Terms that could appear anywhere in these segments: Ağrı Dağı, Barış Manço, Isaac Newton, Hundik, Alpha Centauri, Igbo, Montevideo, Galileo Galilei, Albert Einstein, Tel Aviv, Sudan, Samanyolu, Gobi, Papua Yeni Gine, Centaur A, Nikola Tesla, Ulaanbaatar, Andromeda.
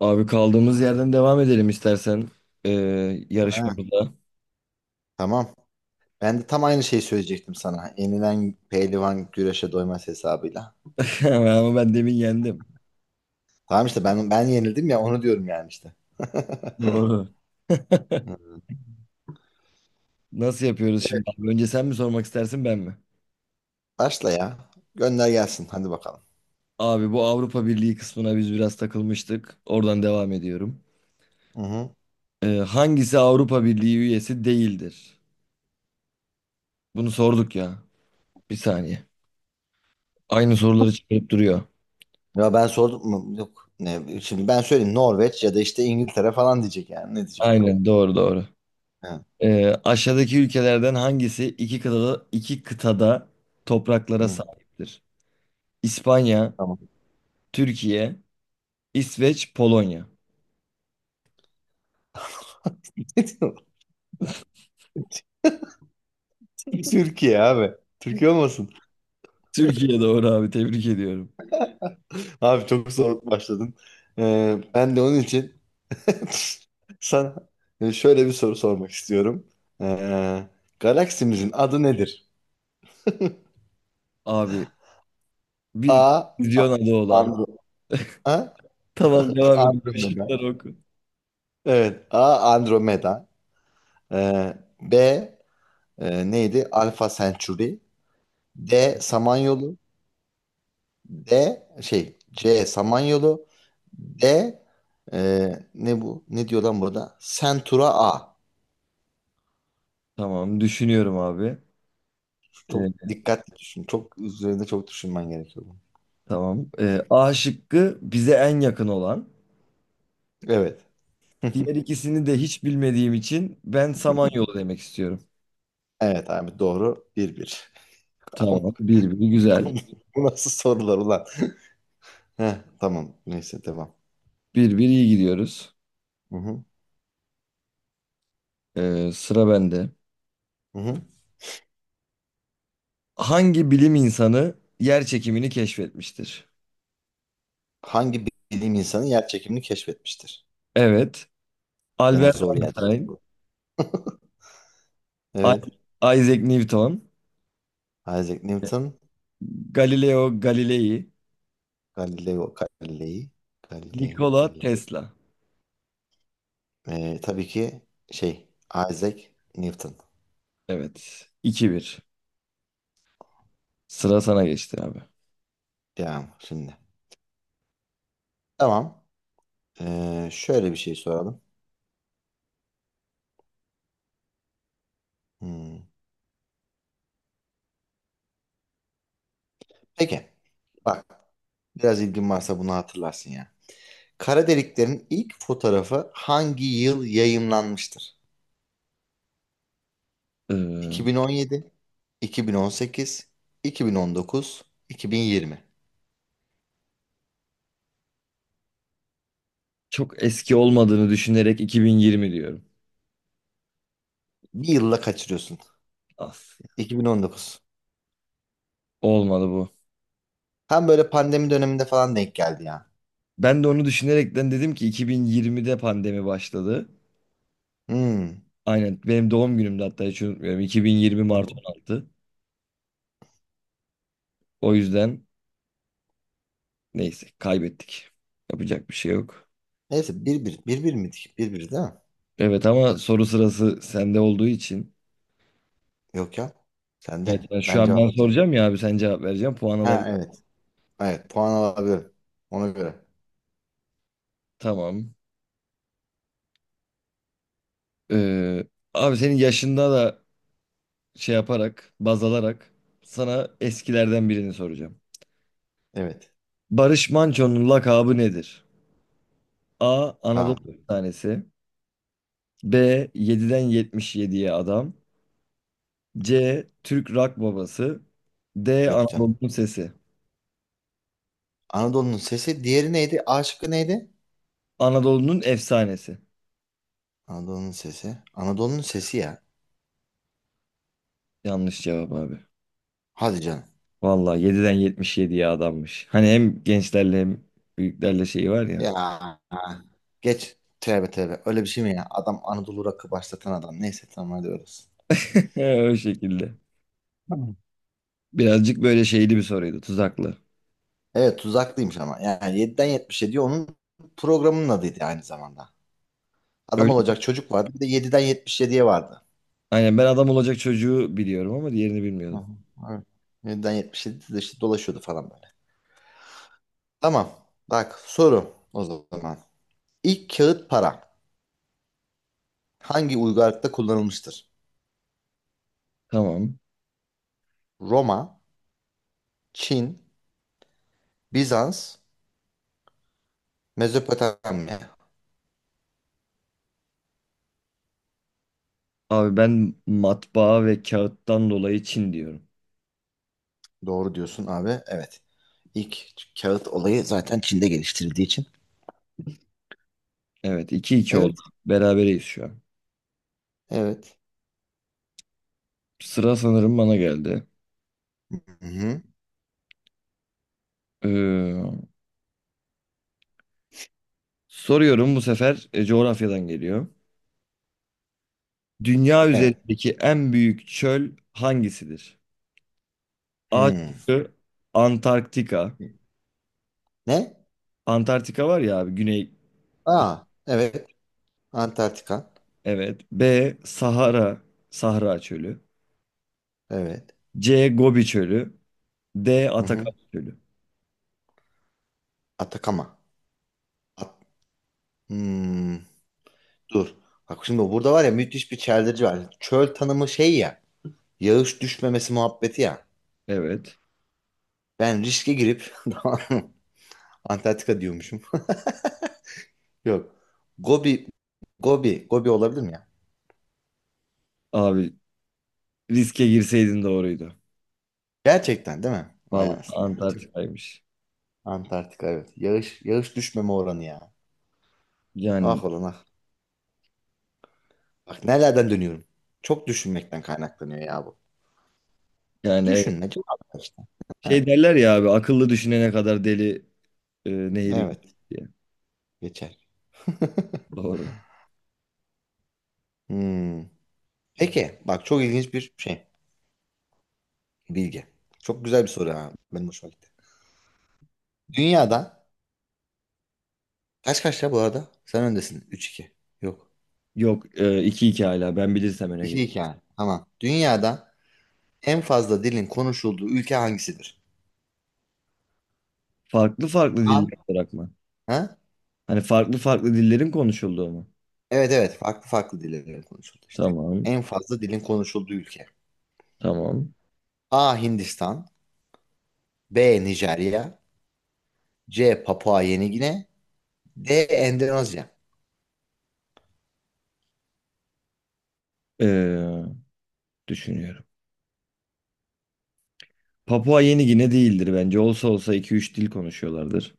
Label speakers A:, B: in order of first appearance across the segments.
A: Abi kaldığımız yerden devam edelim istersen ee,
B: Ha,
A: yarışmamıza.
B: tamam. Ben de tam aynı şeyi söyleyecektim sana. Yenilen pehlivan güreşe doymaz hesabıyla.
A: Ama ben demin yendim.
B: Tamam işte ben yenildim ya onu diyorum yani işte.
A: Doğru.
B: Hı.
A: Nasıl yapıyoruz
B: Evet,
A: şimdi abi? Önce sen mi sormak istersin ben mi?
B: başla ya. Gönder gelsin hadi bakalım.
A: Abi, bu Avrupa Birliği kısmına biz biraz takılmıştık. Oradan devam ediyorum.
B: Hı hı.
A: Hangisi Avrupa Birliği üyesi değildir? Bunu sorduk ya. Bir saniye. Aynı soruları çıkarıp duruyor.
B: Ya ben sordum mu? Yok. Ne, şimdi ben söyleyeyim Norveç ya da işte İngiltere falan diyecek yani. Ne diyecek o zaman?
A: Aynen, doğru doğru.
B: Ha,
A: Aşağıdaki ülkelerden hangisi iki kıtada topraklara
B: hı,
A: sahiptir? İspanya,
B: tamam.
A: Türkiye, İsveç, Polonya.
B: Türkiye abi. Türkiye olmasın.
A: Türkiye doğru abi, tebrik ediyorum.
B: Abi çok soğuk başladın. Ben de onun için sana şöyle bir soru sormak istiyorum. Ee, Galaksimizin adı nedir?
A: Abi
B: A.
A: bir füzyon adı olan.
B: Andro A.
A: Tamam, devam et.
B: Andromeda.
A: Şıkları oku.
B: Evet. A. Andromeda. Ee, B. Neydi? Alpha Centauri. D. Samanyolu. D. Şey. C. Samanyolu. D. Ne bu? Ne diyor lan burada? Centaur A.
A: Tamam, düşünüyorum abi. Ee,
B: Çok dikkatli düşün. Çok üzerinde çok düşünmen gerekiyor bunun.
A: tamam. A şıkkı bize en yakın olan.
B: Evet.
A: Diğer ikisini de hiç bilmediğim için ben Samanyolu demek istiyorum.
B: Evet abi doğru. Bir bir. Ama
A: Tamam. 1-1, güzel.
B: bu nasıl sorular ulan? Heh, tamam. Neyse devam.
A: 1-1 iyi gidiyoruz.
B: Hı hı.
A: Sıra bende.
B: Hı hı.
A: Hangi bilim insanı yer çekimini keşfetmiştir?
B: Hangi bilim insanı yer çekimini keşfetmiştir?
A: Evet.
B: Gene
A: Albert
B: zor yerde
A: Einstein.
B: bu.
A: I-
B: Evet.
A: Isaac Newton,
B: Isaac Newton,
A: Galileo Galilei,
B: Galileo Galilei, Galileo
A: Nikola
B: Galilei.
A: Tesla.
B: Tabii ki şey Isaac Newton.
A: Evet. 2-1. Sıra sana geçti abi.
B: Devam şimdi. Tamam. Şöyle bir şey soralım. Hmm. Peki. Bak, biraz ilgin varsa bunu hatırlarsın ya. Kara deliklerin ilk fotoğrafı hangi yıl yayımlanmıştır?
A: Ee,
B: 2017, 2018, 2019, 2020.
A: çok eski olmadığını düşünerek 2020 diyorum.
B: Bir yılla kaçırıyorsun.
A: As.
B: 2019.
A: Olmadı bu.
B: Tam böyle pandemi döneminde falan denk geldi ya.
A: Ben de onu düşünerekten dedim ki 2020'de pandemi başladı.
B: Hmm.
A: Aynen benim doğum günümde hatta, hiç unutmuyorum. 2020
B: Hı
A: Mart
B: hı.
A: 16. O yüzden neyse, kaybettik. Yapacak bir şey yok.
B: Neyse bir bir. Bir bir miydik? Bir bir değil mi?
A: Evet ama soru sırası sende olduğu için.
B: Yok ya. Sen
A: Evet,
B: de.
A: ben şu
B: Ben
A: an ben
B: cevaplayacağım.
A: soracağım ya abi, sen cevap vereceksin. Puan
B: Ha,
A: alabilir.
B: evet. Evet. Puan alabilirim. Ona göre.
A: Tamam. Ee, abi senin yaşında da şey yaparak, baz alarak sana eskilerden birini soracağım.
B: Evet.
A: Barış Manço'nun lakabı nedir? A.
B: Ha,
A: Anadolu
B: dur.
A: tanesi. B. 7'den 77'ye adam. C. Türk rock babası. D.
B: Yok canım.
A: Anadolu'nun sesi.
B: Anadolu'nun sesi. Diğeri neydi? A şıkkı neydi?
A: Anadolu'nun efsanesi.
B: Anadolu'nun sesi. Anadolu'nun sesi ya.
A: Yanlış cevap abi.
B: Hadi canım.
A: Vallahi 7'den 77'ye adammış. Hani hem gençlerle hem büyüklerle şeyi var ya.
B: Ya. Geç. Tövbe tövbe. Öyle bir şey mi ya? Adam Anadolu rakı başlatan adam. Neyse tamam hadi orası.
A: O şekilde.
B: Tamam.
A: Birazcık böyle şeyli bir soruydu. Tuzaklı.
B: Evet, tuzaklıymış ama. Yani yediden yetmiş 77'ye onun programının adıydı aynı zamanda. Adam
A: Öyle.
B: olacak çocuk vardı. Bir de yediden yetmiş yediye vardı.
A: Aynen, ben adam olacak çocuğu biliyorum ama diğerini
B: Hı
A: bilmiyordum.
B: hı, evet. 7'den 77'de işte dolaşıyordu falan böyle. Tamam. Bak soru o zaman. İlk kağıt para hangi uygarlıkta kullanılmıştır?
A: Tamam.
B: Roma, Çin, Bizans, Mezopotamya.
A: Abi ben matbaa ve kağıttan dolayı Çin diyorum.
B: Doğru diyorsun abi. Evet. İlk kağıt olayı zaten Çin'de geliştirildiği için.
A: Evet, 2-2 oldu.
B: Evet.
A: Berabereyiz şu an.
B: Evet.
A: Sıra sanırım bana geldi.
B: Hı-hı.
A: Ee, Soruyorum bu sefer, coğrafyadan geliyor. Dünya
B: Evet.
A: üzerindeki en büyük çöl hangisidir? A
B: Hı.
A: şıkkı Antarktika.
B: Ne?
A: Antarktika var ya abi, güney.
B: Aa, evet. Antarktika.
A: Evet. B Sahara. Sahra çölü.
B: Evet.
A: C Gobi çölü. D Atakan
B: Hı-hı.
A: çölü.
B: Atakama. At- Hmm, Dur. Bak şimdi burada var ya müthiş bir çeldirici var. Çöl tanımı şey ya. Yağış düşmemesi muhabbeti ya.
A: Evet.
B: Ben riske girip Antarktika diyormuşum. Yok. Gobi, Gobi, Gobi olabilir mi ya?
A: Abi, riske girseydin doğruydu.
B: Gerçekten değil mi? Vay
A: Vallahi
B: anasını ya. Tüh.
A: Antarktika'ymış.
B: Antarktika evet. Yağış, yağış düşmeme oranı ya.
A: Yani
B: Ah olan ah. Bak nelerden dönüyorum. Çok düşünmekten kaynaklanıyor ya bu.
A: yani evet.
B: Düşünme cevap ver işte.
A: Şey
B: Evet.
A: derler ya abi, akıllı düşünene kadar deli nehri
B: Evet.
A: diye.
B: Geçer.
A: Doğru.
B: Hmm. Peki bak çok ilginç bir şey. Bilgi. Çok güzel bir soru ha. Benim hoşuma gitti. Dünyada kaç kaç ya bu arada? Sen öndesin. Üç iki. Yok.
A: Yok, iki 2 hala ben bilirsem öne
B: İki
A: gel.
B: iki yani. Tamam. Dünyada en fazla dilin konuşulduğu ülke hangisidir?
A: Farklı farklı
B: A.
A: diller bırakma.
B: Ha?
A: Hani farklı farklı dillerin konuşulduğu mu?
B: Evet, evet, farklı farklı dillerin konuşuldu işte.
A: Tamam,
B: En fazla dilin konuşulduğu ülke.
A: tamam.
B: A. Hindistan. B. Nijerya. C. Papua Yeni Gine. D. Endonezya.
A: Ee, düşünüyorum. Papua Yeni Gine değildir bence. Olsa olsa iki üç dil konuşuyorlardır.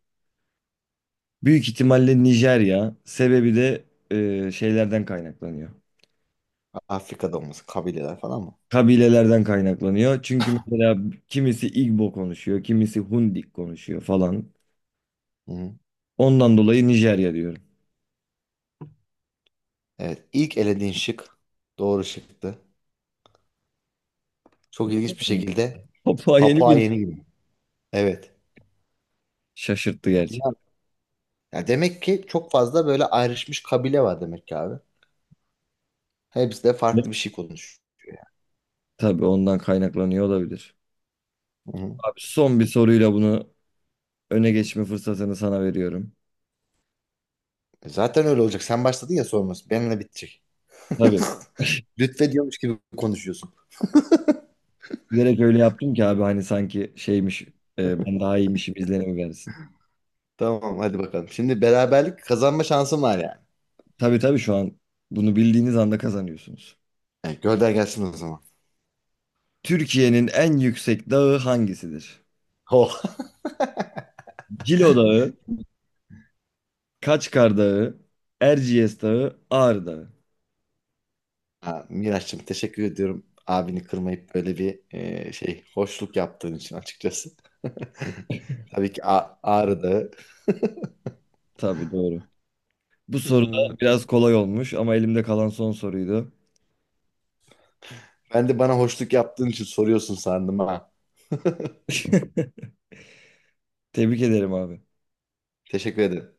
A: Büyük ihtimalle Nijerya. Sebebi de şeylerden kaynaklanıyor.
B: Afrika'da olması kabileler falan mı?
A: Kabilelerden kaynaklanıyor. Çünkü mesela kimisi Igbo konuşuyor, kimisi Hundik konuşuyor falan.
B: Hı-hı.
A: Ondan dolayı Nijerya diyorum.
B: Evet, ilk elediğin şık doğru şıktı. Çok ilginç bir
A: Hı.
B: şekilde
A: Papua Yeni
B: Papua
A: Gine
B: Yeni Gine. Evet.
A: şaşırttı gerçi.
B: Dünya- Ya demek ki çok fazla böyle ayrışmış kabile var demek ki abi. Hepsi de farklı bir şey konuşuyor yani.
A: Tabii ondan kaynaklanıyor olabilir.
B: Hı hı.
A: Abi, son bir soruyla bunu öne geçme fırsatını sana veriyorum.
B: E zaten öyle olacak. Sen başladın ya sorması. Benimle bitecek.
A: Tabii.
B: Lütfediyormuş gibi konuşuyorsun.
A: Bilerek öyle yaptım ki abi, hani sanki şeymiş, ben daha iyiymişim izlenimi versin.
B: Tamam hadi bakalım. Şimdi beraberlik kazanma şansım var yani.
A: Tabii tabii, şu an bunu bildiğiniz anda kazanıyorsunuz.
B: Yani gönder gelsin o zaman.
A: Türkiye'nin en yüksek dağı hangisidir?
B: Oh.
A: Cilo Dağı, Kaçkar Dağı, Erciyes Dağı, Ağrı Dağı.
B: Ha, Miraç'cığım teşekkür ediyorum. Abini kırmayıp böyle bir şey hoşluk yaptığın için açıkçası. Tabii ki Ağrı Dağı.
A: Tabii doğru. Bu soru
B: Hmm.
A: da biraz kolay olmuş ama elimde kalan son soruydu.
B: Ben de bana hoşluk yaptığın için soruyorsun sandım ha.
A: Tebrik ederim abi.
B: Teşekkür ederim.